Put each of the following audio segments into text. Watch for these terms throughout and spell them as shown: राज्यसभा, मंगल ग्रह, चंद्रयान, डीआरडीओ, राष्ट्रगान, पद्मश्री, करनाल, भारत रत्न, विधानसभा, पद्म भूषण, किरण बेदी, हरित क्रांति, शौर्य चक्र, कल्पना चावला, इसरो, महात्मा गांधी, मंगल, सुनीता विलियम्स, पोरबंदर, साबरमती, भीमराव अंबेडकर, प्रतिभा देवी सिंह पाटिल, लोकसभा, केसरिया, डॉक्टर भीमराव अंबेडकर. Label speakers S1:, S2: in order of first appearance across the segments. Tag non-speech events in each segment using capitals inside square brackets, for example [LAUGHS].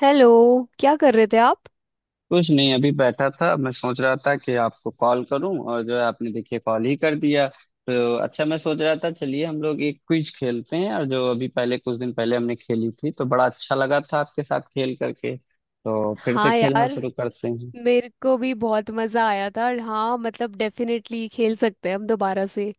S1: Hello. क्या कर रहे थे आप?
S2: कुछ नहीं, अभी बैठा था। मैं सोच रहा था कि आपको कॉल करूं और जो है, आपने देखिए कॉल ही कर दिया। तो अच्छा, मैं सोच रहा था चलिए हम लोग एक क्विज खेलते हैं, और जो अभी पहले कुछ दिन पहले हमने खेली थी तो बड़ा अच्छा लगा था आपके साथ खेल करके, तो फिर से
S1: हाँ
S2: खेलना
S1: यार,
S2: शुरू करते हैं।
S1: मेरे को भी बहुत मज़ा आया था। और हाँ, मतलब डेफिनेटली खेल सकते हैं हम दोबारा से।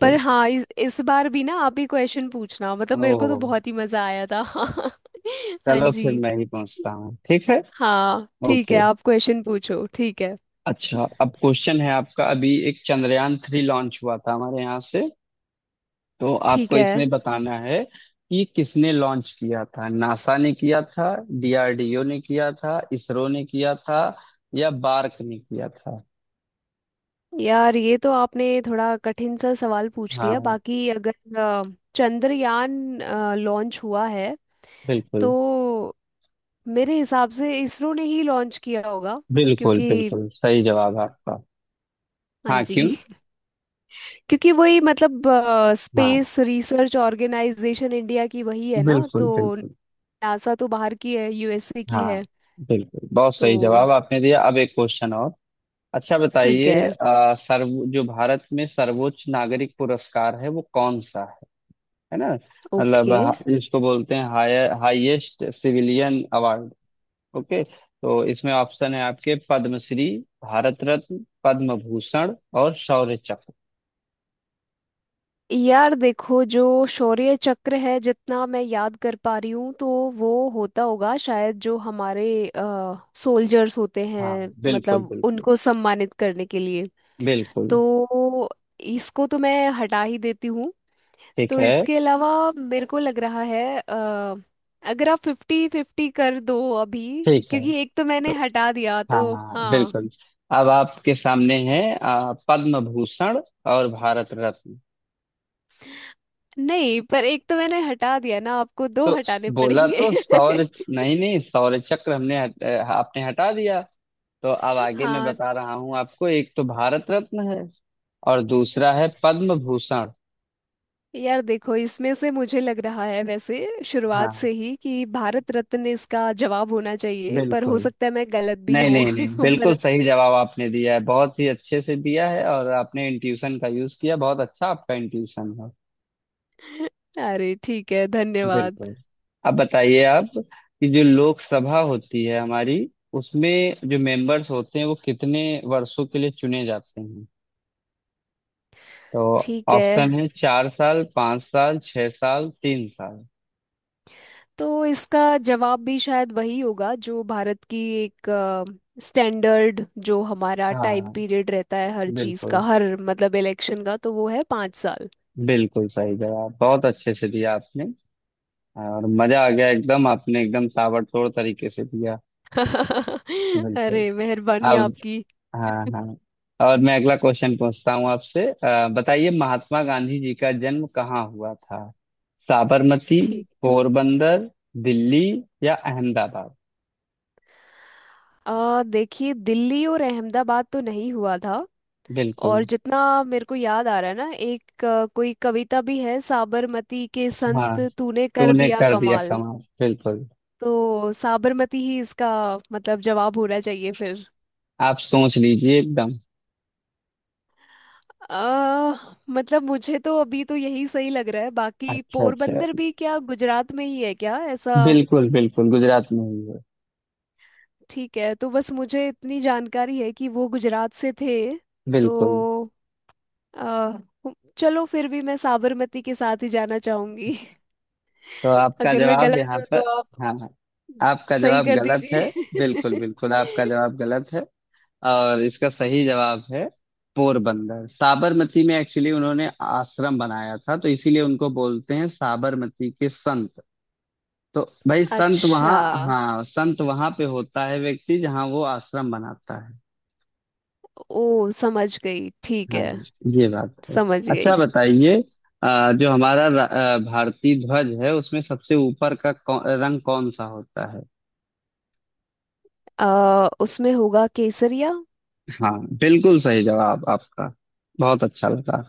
S1: पर हाँ, इस बार भी ना आप ही क्वेश्चन पूछना, मतलब मेरे को तो
S2: ओह।
S1: बहुत ही मज़ा आया था। [LAUGHS] हाँ
S2: चलो फिर
S1: जी।
S2: मैं ही पहुंचता हूँ, ठीक है।
S1: हाँ ठीक है,
S2: ओके।
S1: आप क्वेश्चन पूछो। ठीक है।
S2: अच्छा, अब क्वेश्चन है आपका, अभी एक चंद्रयान 3 लॉन्च हुआ था हमारे यहाँ से, तो
S1: ठीक
S2: आपको
S1: है।
S2: इसमें बताना है कि किसने लॉन्च किया था। नासा ने किया था, डीआरडीओ ने किया था, इसरो ने किया था, या बार्क ने किया था।
S1: यार ये तो आपने थोड़ा कठिन सा सवाल पूछ लिया।
S2: हाँ।
S1: बाकी अगर चंद्रयान लॉन्च हुआ है तो
S2: बिल्कुल
S1: मेरे हिसाब से इसरो ने ही लॉन्च किया होगा।
S2: बिल्कुल,
S1: क्योंकि
S2: बिल्कुल सही जवाब है आपका।
S1: हाँ
S2: हाँ, क्यों।
S1: जी, क्योंकि वही मतलब
S2: हाँ,
S1: स्पेस रिसर्च ऑर्गेनाइजेशन इंडिया की वही है ना।
S2: बिल्कुल
S1: तो
S2: बिल्कुल।
S1: नासा तो बाहर की है, USA की है।
S2: हाँ। बिल्कुल, बहुत सही जवाब
S1: तो
S2: आपने दिया। अब एक क्वेश्चन और। अच्छा,
S1: ठीक
S2: बताइए
S1: है।
S2: अ, सर्व जो भारत में सर्वोच्च नागरिक पुरस्कार है वो कौन सा। है ना। मतलब
S1: ओके।
S2: इसको बोलते हैं higher, highest civilian award. Okay. तो इसमें ऑप्शन है आपके पद्मश्री, भारत रत्न, पद्म भूषण, और शौर्य चक्र।
S1: यार देखो, जो शौर्य चक्र है जितना मैं याद कर पा रही हूँ तो वो होता होगा शायद जो हमारे सोल्जर्स होते हैं,
S2: हाँ। बिल्कुल
S1: मतलब
S2: बिल्कुल
S1: उनको सम्मानित करने के लिए।
S2: बिल्कुल।
S1: तो इसको तो मैं हटा ही देती हूँ।
S2: ठीक
S1: तो
S2: है।
S1: इसके अलावा मेरे को लग रहा है अगर आप फिफ्टी फिफ्टी कर दो अभी,
S2: ठीक है,
S1: क्योंकि एक तो
S2: तो।
S1: मैंने हटा दिया। तो
S2: हाँ,
S1: हाँ,
S2: बिल्कुल। अब आपके सामने है पद्म भूषण और भारत रत्न।
S1: नहीं पर एक तो मैंने हटा दिया ना, आपको दो
S2: तो
S1: हटाने
S2: बोला
S1: पड़ेंगे।
S2: तो सौर,
S1: [LAUGHS]
S2: नहीं नहीं, सौर चक्र आपने हटा दिया। तो अब आगे मैं
S1: हाँ,
S2: बता रहा हूँ आपको, एक तो भारत रत्न है और दूसरा है पद्म भूषण।
S1: यार देखो, इसमें से मुझे लग रहा है वैसे शुरुआत
S2: हाँ।
S1: से ही कि भारत रत्न इसका जवाब होना चाहिए। पर
S2: बिल्कुल।
S1: हो सकता है मैं गलत भी
S2: नहीं
S1: हूँ।
S2: नहीं नहीं,
S1: [LAUGHS] पर
S2: बिल्कुल सही जवाब आपने दिया है, बहुत ही अच्छे से दिया है, और आपने इंट्यूशन का यूज किया। बहुत अच्छा आपका इंट्यूशन है।
S1: अरे ठीक है, धन्यवाद।
S2: बिल्कुल। अब बताइए आप कि जो लोकसभा होती है हमारी, उसमें जो मेंबर्स होते हैं वो कितने वर्षों के लिए चुने जाते हैं। तो
S1: ठीक है।
S2: ऑप्शन है 4 साल, 5 साल, 6 साल, 3 साल।
S1: तो इसका जवाब भी शायद वही होगा जो भारत की एक स्टैंडर्ड जो हमारा टाइम
S2: हाँ।
S1: पीरियड रहता है हर चीज
S2: बिल्कुल।
S1: का, हर मतलब इलेक्शन का, तो वो है 5 साल।
S2: बिल्कुल सही जवाब, बहुत अच्छे से दिया आपने, और मजा आ गया एकदम। आपने एकदम ताबड़तोड़ तरीके से दिया।
S1: [LAUGHS] अरे
S2: बिल्कुल।
S1: मेहरबानी
S2: अब,
S1: आपकी।
S2: हाँ हाँ, और मैं अगला क्वेश्चन पूछता हूँ आपसे। बताइए महात्मा गांधी जी का जन्म कहाँ हुआ था। साबरमती,
S1: ठीक।
S2: पोरबंदर, दिल्ली, या अहमदाबाद।
S1: आ देखिए दिल्ली और अहमदाबाद तो नहीं हुआ था। और
S2: बिल्कुल।
S1: जितना मेरे को याद आ रहा है ना, एक कोई कविता भी है, साबरमती के
S2: हाँ,
S1: संत तूने कर
S2: तूने
S1: दिया
S2: कर दिया
S1: कमाल।
S2: कमाल, बिल्कुल।
S1: तो साबरमती ही इसका मतलब जवाब होना चाहिए फिर।
S2: आप सोच लीजिए एकदम।
S1: आ, मतलब मुझे तो अभी तो यही सही लग रहा है। बाकी
S2: अच्छा अच्छा,
S1: पोरबंदर भी क्या गुजरात में ही है क्या ऐसा?
S2: बिल्कुल बिल्कुल, गुजरात में ही है।
S1: ठीक है, तो बस मुझे इतनी जानकारी है कि वो गुजरात से थे। तो
S2: बिल्कुल।
S1: आ, चलो फिर भी मैं साबरमती के साथ ही जाना चाहूंगी।
S2: तो
S1: [LAUGHS]
S2: आपका
S1: अगर मैं
S2: जवाब
S1: गलत
S2: यहाँ
S1: हूँ
S2: पर।
S1: तो आप
S2: हाँ हाँ, आपका
S1: सही
S2: जवाब
S1: कर
S2: गलत है। बिल्कुल
S1: दीजिए।
S2: बिल्कुल, आपका
S1: [LAUGHS]
S2: जवाब गलत है, और इसका सही जवाब है पोरबंदर। साबरमती में एक्चुअली उन्होंने आश्रम बनाया था, तो इसीलिए उनको बोलते हैं साबरमती के संत। तो भाई, संत
S1: अच्छा।
S2: वहाँ। हाँ, संत वहाँ पे होता है व्यक्ति जहाँ वो आश्रम बनाता है।
S1: ओ समझ गई, ठीक
S2: हाँ।
S1: है।
S2: ये बात है।
S1: समझ गई।
S2: अच्छा, बताइए जो हमारा भारतीय ध्वज है, उसमें सबसे ऊपर का रंग कौन सा होता है।
S1: आ, उसमें होगा केसरिया।
S2: हाँ, बिल्कुल सही जवाब आपका। बहुत अच्छा लगा।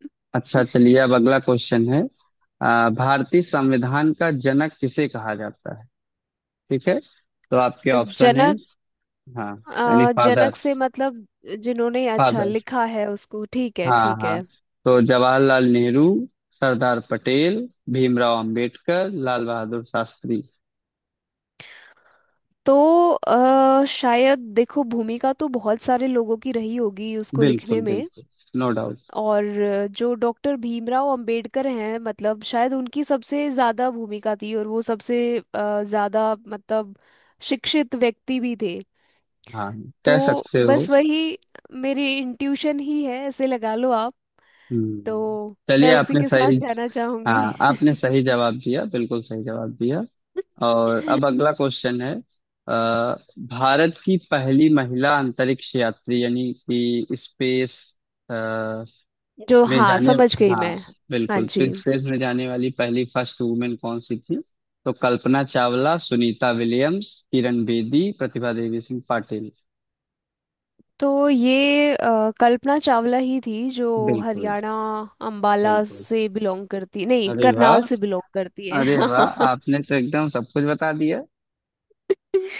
S1: [LAUGHS]
S2: अच्छा चलिए, अब अगला क्वेश्चन है। भारतीय संविधान का जनक किसे कहा जाता है। ठीक है। तो आपके ऑप्शन है।
S1: जनक।
S2: हाँ। यानी
S1: जनक
S2: फादर।
S1: से मतलब जिन्होंने अच्छा
S2: फादर।
S1: लिखा है उसको, ठीक है
S2: हाँ
S1: ठीक
S2: हाँ।
S1: है।
S2: तो जवाहरलाल नेहरू, सरदार पटेल, भीमराव अंबेडकर, लाल बहादुर शास्त्री।
S1: तो शायद देखो भूमिका तो बहुत सारे लोगों की रही होगी उसको लिखने
S2: बिल्कुल
S1: में।
S2: बिल्कुल। No doubt.
S1: और जो डॉक्टर भीमराव अंबेडकर हैं मतलब शायद उनकी सबसे ज़्यादा भूमिका थी और वो सबसे ज़्यादा मतलब शिक्षित व्यक्ति भी थे।
S2: हाँ। कह
S1: तो
S2: सकते हो।
S1: बस वही मेरी इंट्यूशन ही है, ऐसे लगा लो आप।
S2: हम्म।
S1: तो
S2: चलिए,
S1: मैं उसी
S2: आपने
S1: के साथ
S2: सही,
S1: जाना चाहूंगी।
S2: हाँ, आपने सही जवाब दिया, बिल्कुल सही जवाब दिया। और
S1: [LAUGHS]
S2: अब अगला क्वेश्चन है। अ, भारत की पहली महिला अंतरिक्ष यात्री, यानी कि स्पेस
S1: जो
S2: में
S1: हाँ
S2: जाने,
S1: समझ गई
S2: हाँ,
S1: मैं। हाँ
S2: बिल्कुल,
S1: जी।
S2: स्पेस में जाने वाली पहली फर्स्ट वुमेन कौन सी थी। तो कल्पना चावला, सुनीता विलियम्स, किरण बेदी, प्रतिभा देवी सिंह पाटिल।
S1: तो ये कल्पना चावला ही थी जो
S2: बिल्कुल
S1: हरियाणा अंबाला
S2: बिल्कुल।
S1: से बिलोंग करती, नहीं
S2: अरे
S1: करनाल
S2: वाह।
S1: से बिलोंग करती है।
S2: अरे वाह,
S1: [LAUGHS]
S2: आपने तो एकदम सब कुछ बता दिया।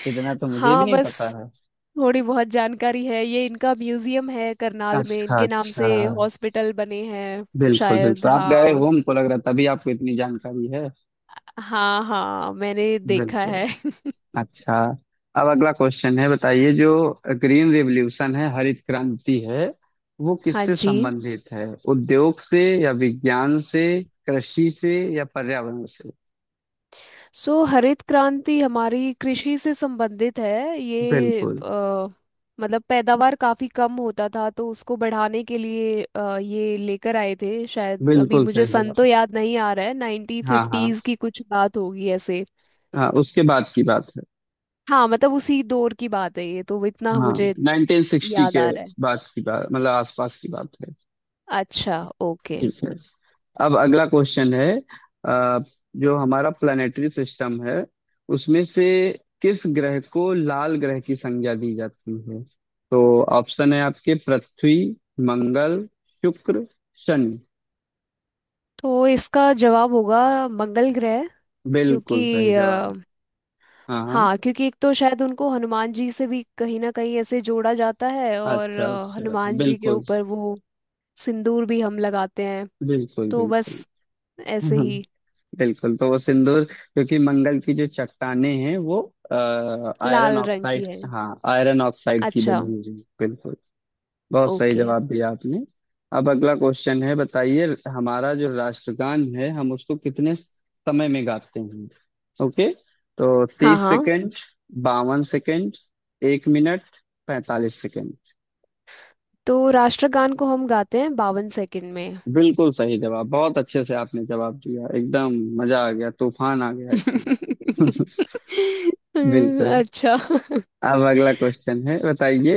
S2: इतना तो मुझे भी
S1: हाँ,
S2: नहीं
S1: बस
S2: पता है।
S1: थोड़ी बहुत जानकारी है। ये इनका म्यूजियम है करनाल में,
S2: अच्छा
S1: इनके नाम
S2: अच्छा।
S1: से हॉस्पिटल बने हैं।
S2: बिल्कुल
S1: शायद
S2: बिल्कुल, आप गए
S1: हाँ।
S2: हो हमको लग रहा है, तभी आपको इतनी जानकारी है।
S1: हाँ हाँ, मैंने देखा
S2: बिल्कुल।
S1: है। [LAUGHS]
S2: अच्छा, अब अगला क्वेश्चन है। बताइए जो ग्रीन रिवॉल्यूशन है, हरित क्रांति है, वो
S1: हाँ
S2: किससे
S1: जी।
S2: संबंधित है? उद्योग से, या विज्ञान से, कृषि से, या पर्यावरण से।
S1: सो हरित क्रांति हमारी कृषि से संबंधित है। ये
S2: बिल्कुल।
S1: मतलब पैदावार काफ़ी कम होता था तो उसको बढ़ाने के लिए ये लेकर आए थे। शायद अभी
S2: बिल्कुल
S1: मुझे
S2: सही
S1: सन तो
S2: जवाब।
S1: याद नहीं आ रहा है, नाइनटीन
S2: हाँ हाँ।
S1: फिफ्टीज़ की कुछ बात होगी ऐसे।
S2: हाँ, उसके बाद की बात है।
S1: हाँ मतलब उसी दौर की बात है ये, तो इतना
S2: हाँ,
S1: मुझे
S2: 1960
S1: याद
S2: के
S1: आ रहा है।
S2: बाद की बात, मतलब आसपास की बात है।
S1: अच्छा ओके।
S2: ठीक है। अब अगला क्वेश्चन है। अ, जो हमारा प्लानिटरी सिस्टम है, उसमें से किस ग्रह को लाल ग्रह की संज्ञा दी जाती है। तो ऑप्शन है आपके पृथ्वी, मंगल, शुक्र, शनि।
S1: तो इसका जवाब होगा मंगल ग्रह। क्योंकि
S2: बिल्कुल सही जवाब। हाँ हाँ।
S1: हाँ, क्योंकि एक तो शायद उनको हनुमान जी से भी कहीं ना कहीं ऐसे जोड़ा जाता है। और
S2: अच्छा अच्छा,
S1: हनुमान जी के
S2: बिल्कुल
S1: ऊपर वो सिंदूर भी हम लगाते हैं।
S2: बिल्कुल
S1: तो बस
S2: बिल्कुल।
S1: ऐसे
S2: हम्म,
S1: ही,
S2: बिल्कुल, तो वो सिंदूर क्योंकि मंगल की जो चट्टाने हैं वो आयरन
S1: लाल रंग की
S2: ऑक्साइड,
S1: है।
S2: हाँ, आयरन ऑक्साइड की
S1: अच्छा
S2: बनी हुई हैं। बिल्कुल। बहुत सही
S1: ओके।
S2: जवाब दिया आपने। अब अगला क्वेश्चन है, बताइए हमारा जो राष्ट्रगान है हम उसको कितने समय में गाते हैं। ओके। तो
S1: हाँ
S2: तीस
S1: हाँ,
S2: सेकंड 52 सेकंड, 1 मिनट, 45 सेकंड।
S1: तो राष्ट्रगान को हम गाते हैं 52 सेकंड में।
S2: बिल्कुल सही जवाब, बहुत अच्छे से आपने जवाब दिया एकदम। मजा आ गया, तूफान आ गया एकदम।
S1: [LAUGHS]
S2: [LAUGHS] बिल्कुल।
S1: अच्छा।
S2: अब अगला क्वेश्चन है, बताइए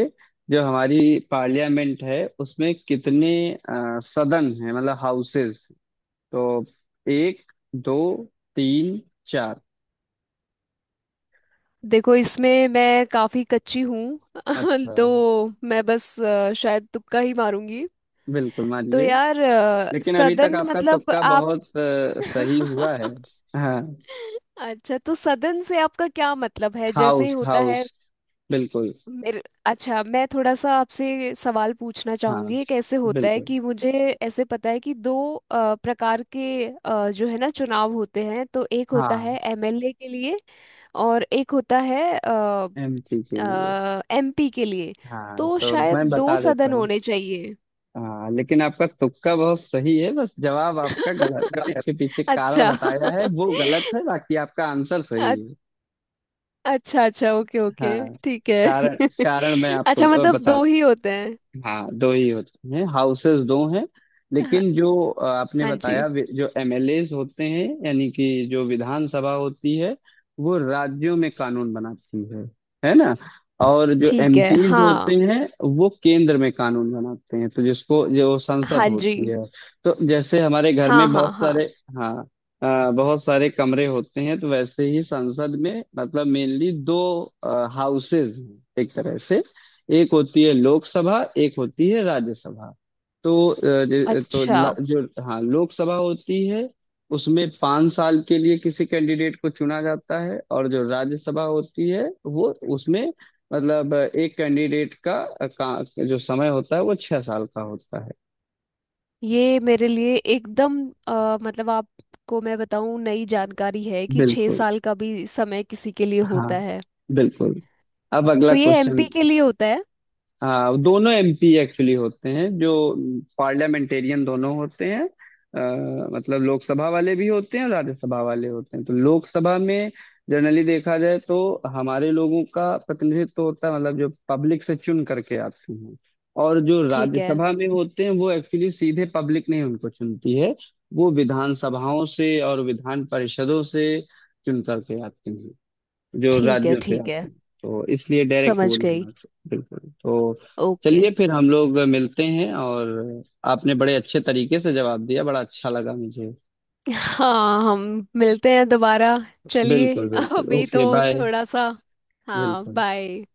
S2: जो हमारी पार्लियामेंट है उसमें कितने सदन है, मतलब हाउसेस। तो एक, दो, तीन, चार।
S1: देखो इसमें मैं काफी कच्ची हूँ। [LAUGHS]
S2: अच्छा।
S1: तो मैं बस शायद तुक्का ही मारूंगी।
S2: बिल्कुल,
S1: तो
S2: मानिए।
S1: यार
S2: लेकिन अभी तक
S1: सदन
S2: आपका
S1: मतलब
S2: तुक्का
S1: आप,
S2: बहुत सही हुआ है। हाँ।
S1: अच्छा तो सदन से आपका क्या मतलब है, जैसे
S2: हाउस
S1: होता है
S2: हाउस, बिल्कुल।
S1: मेरे, अच्छा मैं थोड़ा सा आपसे सवाल पूछना
S2: हाँ,
S1: चाहूंगी। एक ऐसे होता है
S2: बिल्कुल।
S1: कि मुझे ऐसे पता है कि दो प्रकार के जो है ना चुनाव होते हैं। तो एक होता
S2: हाँ,
S1: है MLA के लिए और एक होता है
S2: एमपी के लिए।
S1: MP के लिए।
S2: हाँ,
S1: तो
S2: तो
S1: शायद
S2: मैं
S1: दो
S2: बता देता
S1: सदन
S2: हूँ।
S1: होने चाहिए।
S2: हाँ, लेकिन आपका तुक्का बहुत सही है, बस जवाब आपका गलत है, इसके पीछे कारण
S1: अच्छा।
S2: बताया है वो
S1: [LAUGHS]
S2: गलत है, बाकी आपका आंसर सही
S1: अ-
S2: है।
S1: अच्छा अच्छा ओके ओके।
S2: हाँ।
S1: ठीक है।
S2: कारण कारण मैं
S1: [LAUGHS]
S2: आपको
S1: अच्छा मतलब
S2: बता।
S1: दो ही होते हैं।
S2: हाँ, दो ही होते हैं, हाउसेस दो हैं।
S1: हाँ।
S2: लेकिन जो आपने
S1: हाँ
S2: बताया,
S1: जी
S2: जो एमएलएज होते हैं, यानी कि जो विधानसभा होती है, वो राज्यों में कानून बनाती है ना। और जो
S1: ठीक है।
S2: एमपीज होते
S1: हाँ।
S2: हैं, वो केंद्र में कानून बनाते हैं, तो जिसको जो संसद
S1: हाँ जी।
S2: होती है, तो जैसे हमारे घर
S1: हाँ
S2: में
S1: हाँ
S2: बहुत
S1: हाँ,
S2: सारे, हाँ, बहुत सारे कमरे होते हैं, तो वैसे ही संसद में मतलब मेनली दो हाउसेज हैं एक तरह से। एक होती है लोकसभा, एक होती है राज्यसभा। तो
S1: अच्छा।
S2: जो, हाँ, लोकसभा होती है, उसमें 5 साल के लिए किसी कैंडिडेट को चुना जाता है। और जो राज्यसभा होती है, वो उसमें मतलब एक का जो समय होता है वो 6 साल का होता है।
S1: ये मेरे लिए एकदम मतलब आपको मैं बताऊं नई जानकारी है कि छह
S2: बिल्कुल।
S1: साल का भी समय किसी के लिए
S2: हाँ।
S1: होता है।
S2: बिल्कुल। अब अगला
S1: तो ये MP
S2: क्वेश्चन।
S1: के लिए होता है।
S2: हाँ, दोनों एमपी एक्चुअली होते हैं, जो पार्लियामेंटेरियन दोनों होते हैं। मतलब लोकसभा वाले भी होते हैं और राज्यसभा वाले होते हैं। तो लोकसभा में जनरली देखा जाए तो हमारे लोगों का प्रतिनिधित्व होता है, मतलब जो पब्लिक से चुन करके आते हैं। और जो
S1: ठीक है
S2: राज्यसभा में होते हैं, वो एक्चुअली सीधे पब्लिक नहीं उनको चुनती है, वो विधानसभाओं से और विधान परिषदों से चुन करके आते हैं, जो
S1: ठीक है।
S2: राज्यों से
S1: ठीक है
S2: आते हैं। तो इसलिए डायरेक्ट वो
S1: समझ
S2: नहीं
S1: गई।
S2: आते, बिल्कुल। तो
S1: ओके।
S2: चलिए, फिर हम लोग मिलते हैं, और आपने बड़े अच्छे तरीके से जवाब दिया, बड़ा अच्छा लगा मुझे।
S1: हाँ हम मिलते हैं दोबारा। चलिए,
S2: बिल्कुल
S1: [LAUGHS]
S2: बिल्कुल।
S1: अभी
S2: ओके,
S1: तो
S2: बाय।
S1: थोड़ा सा। हाँ
S2: बिल्कुल।
S1: बाय।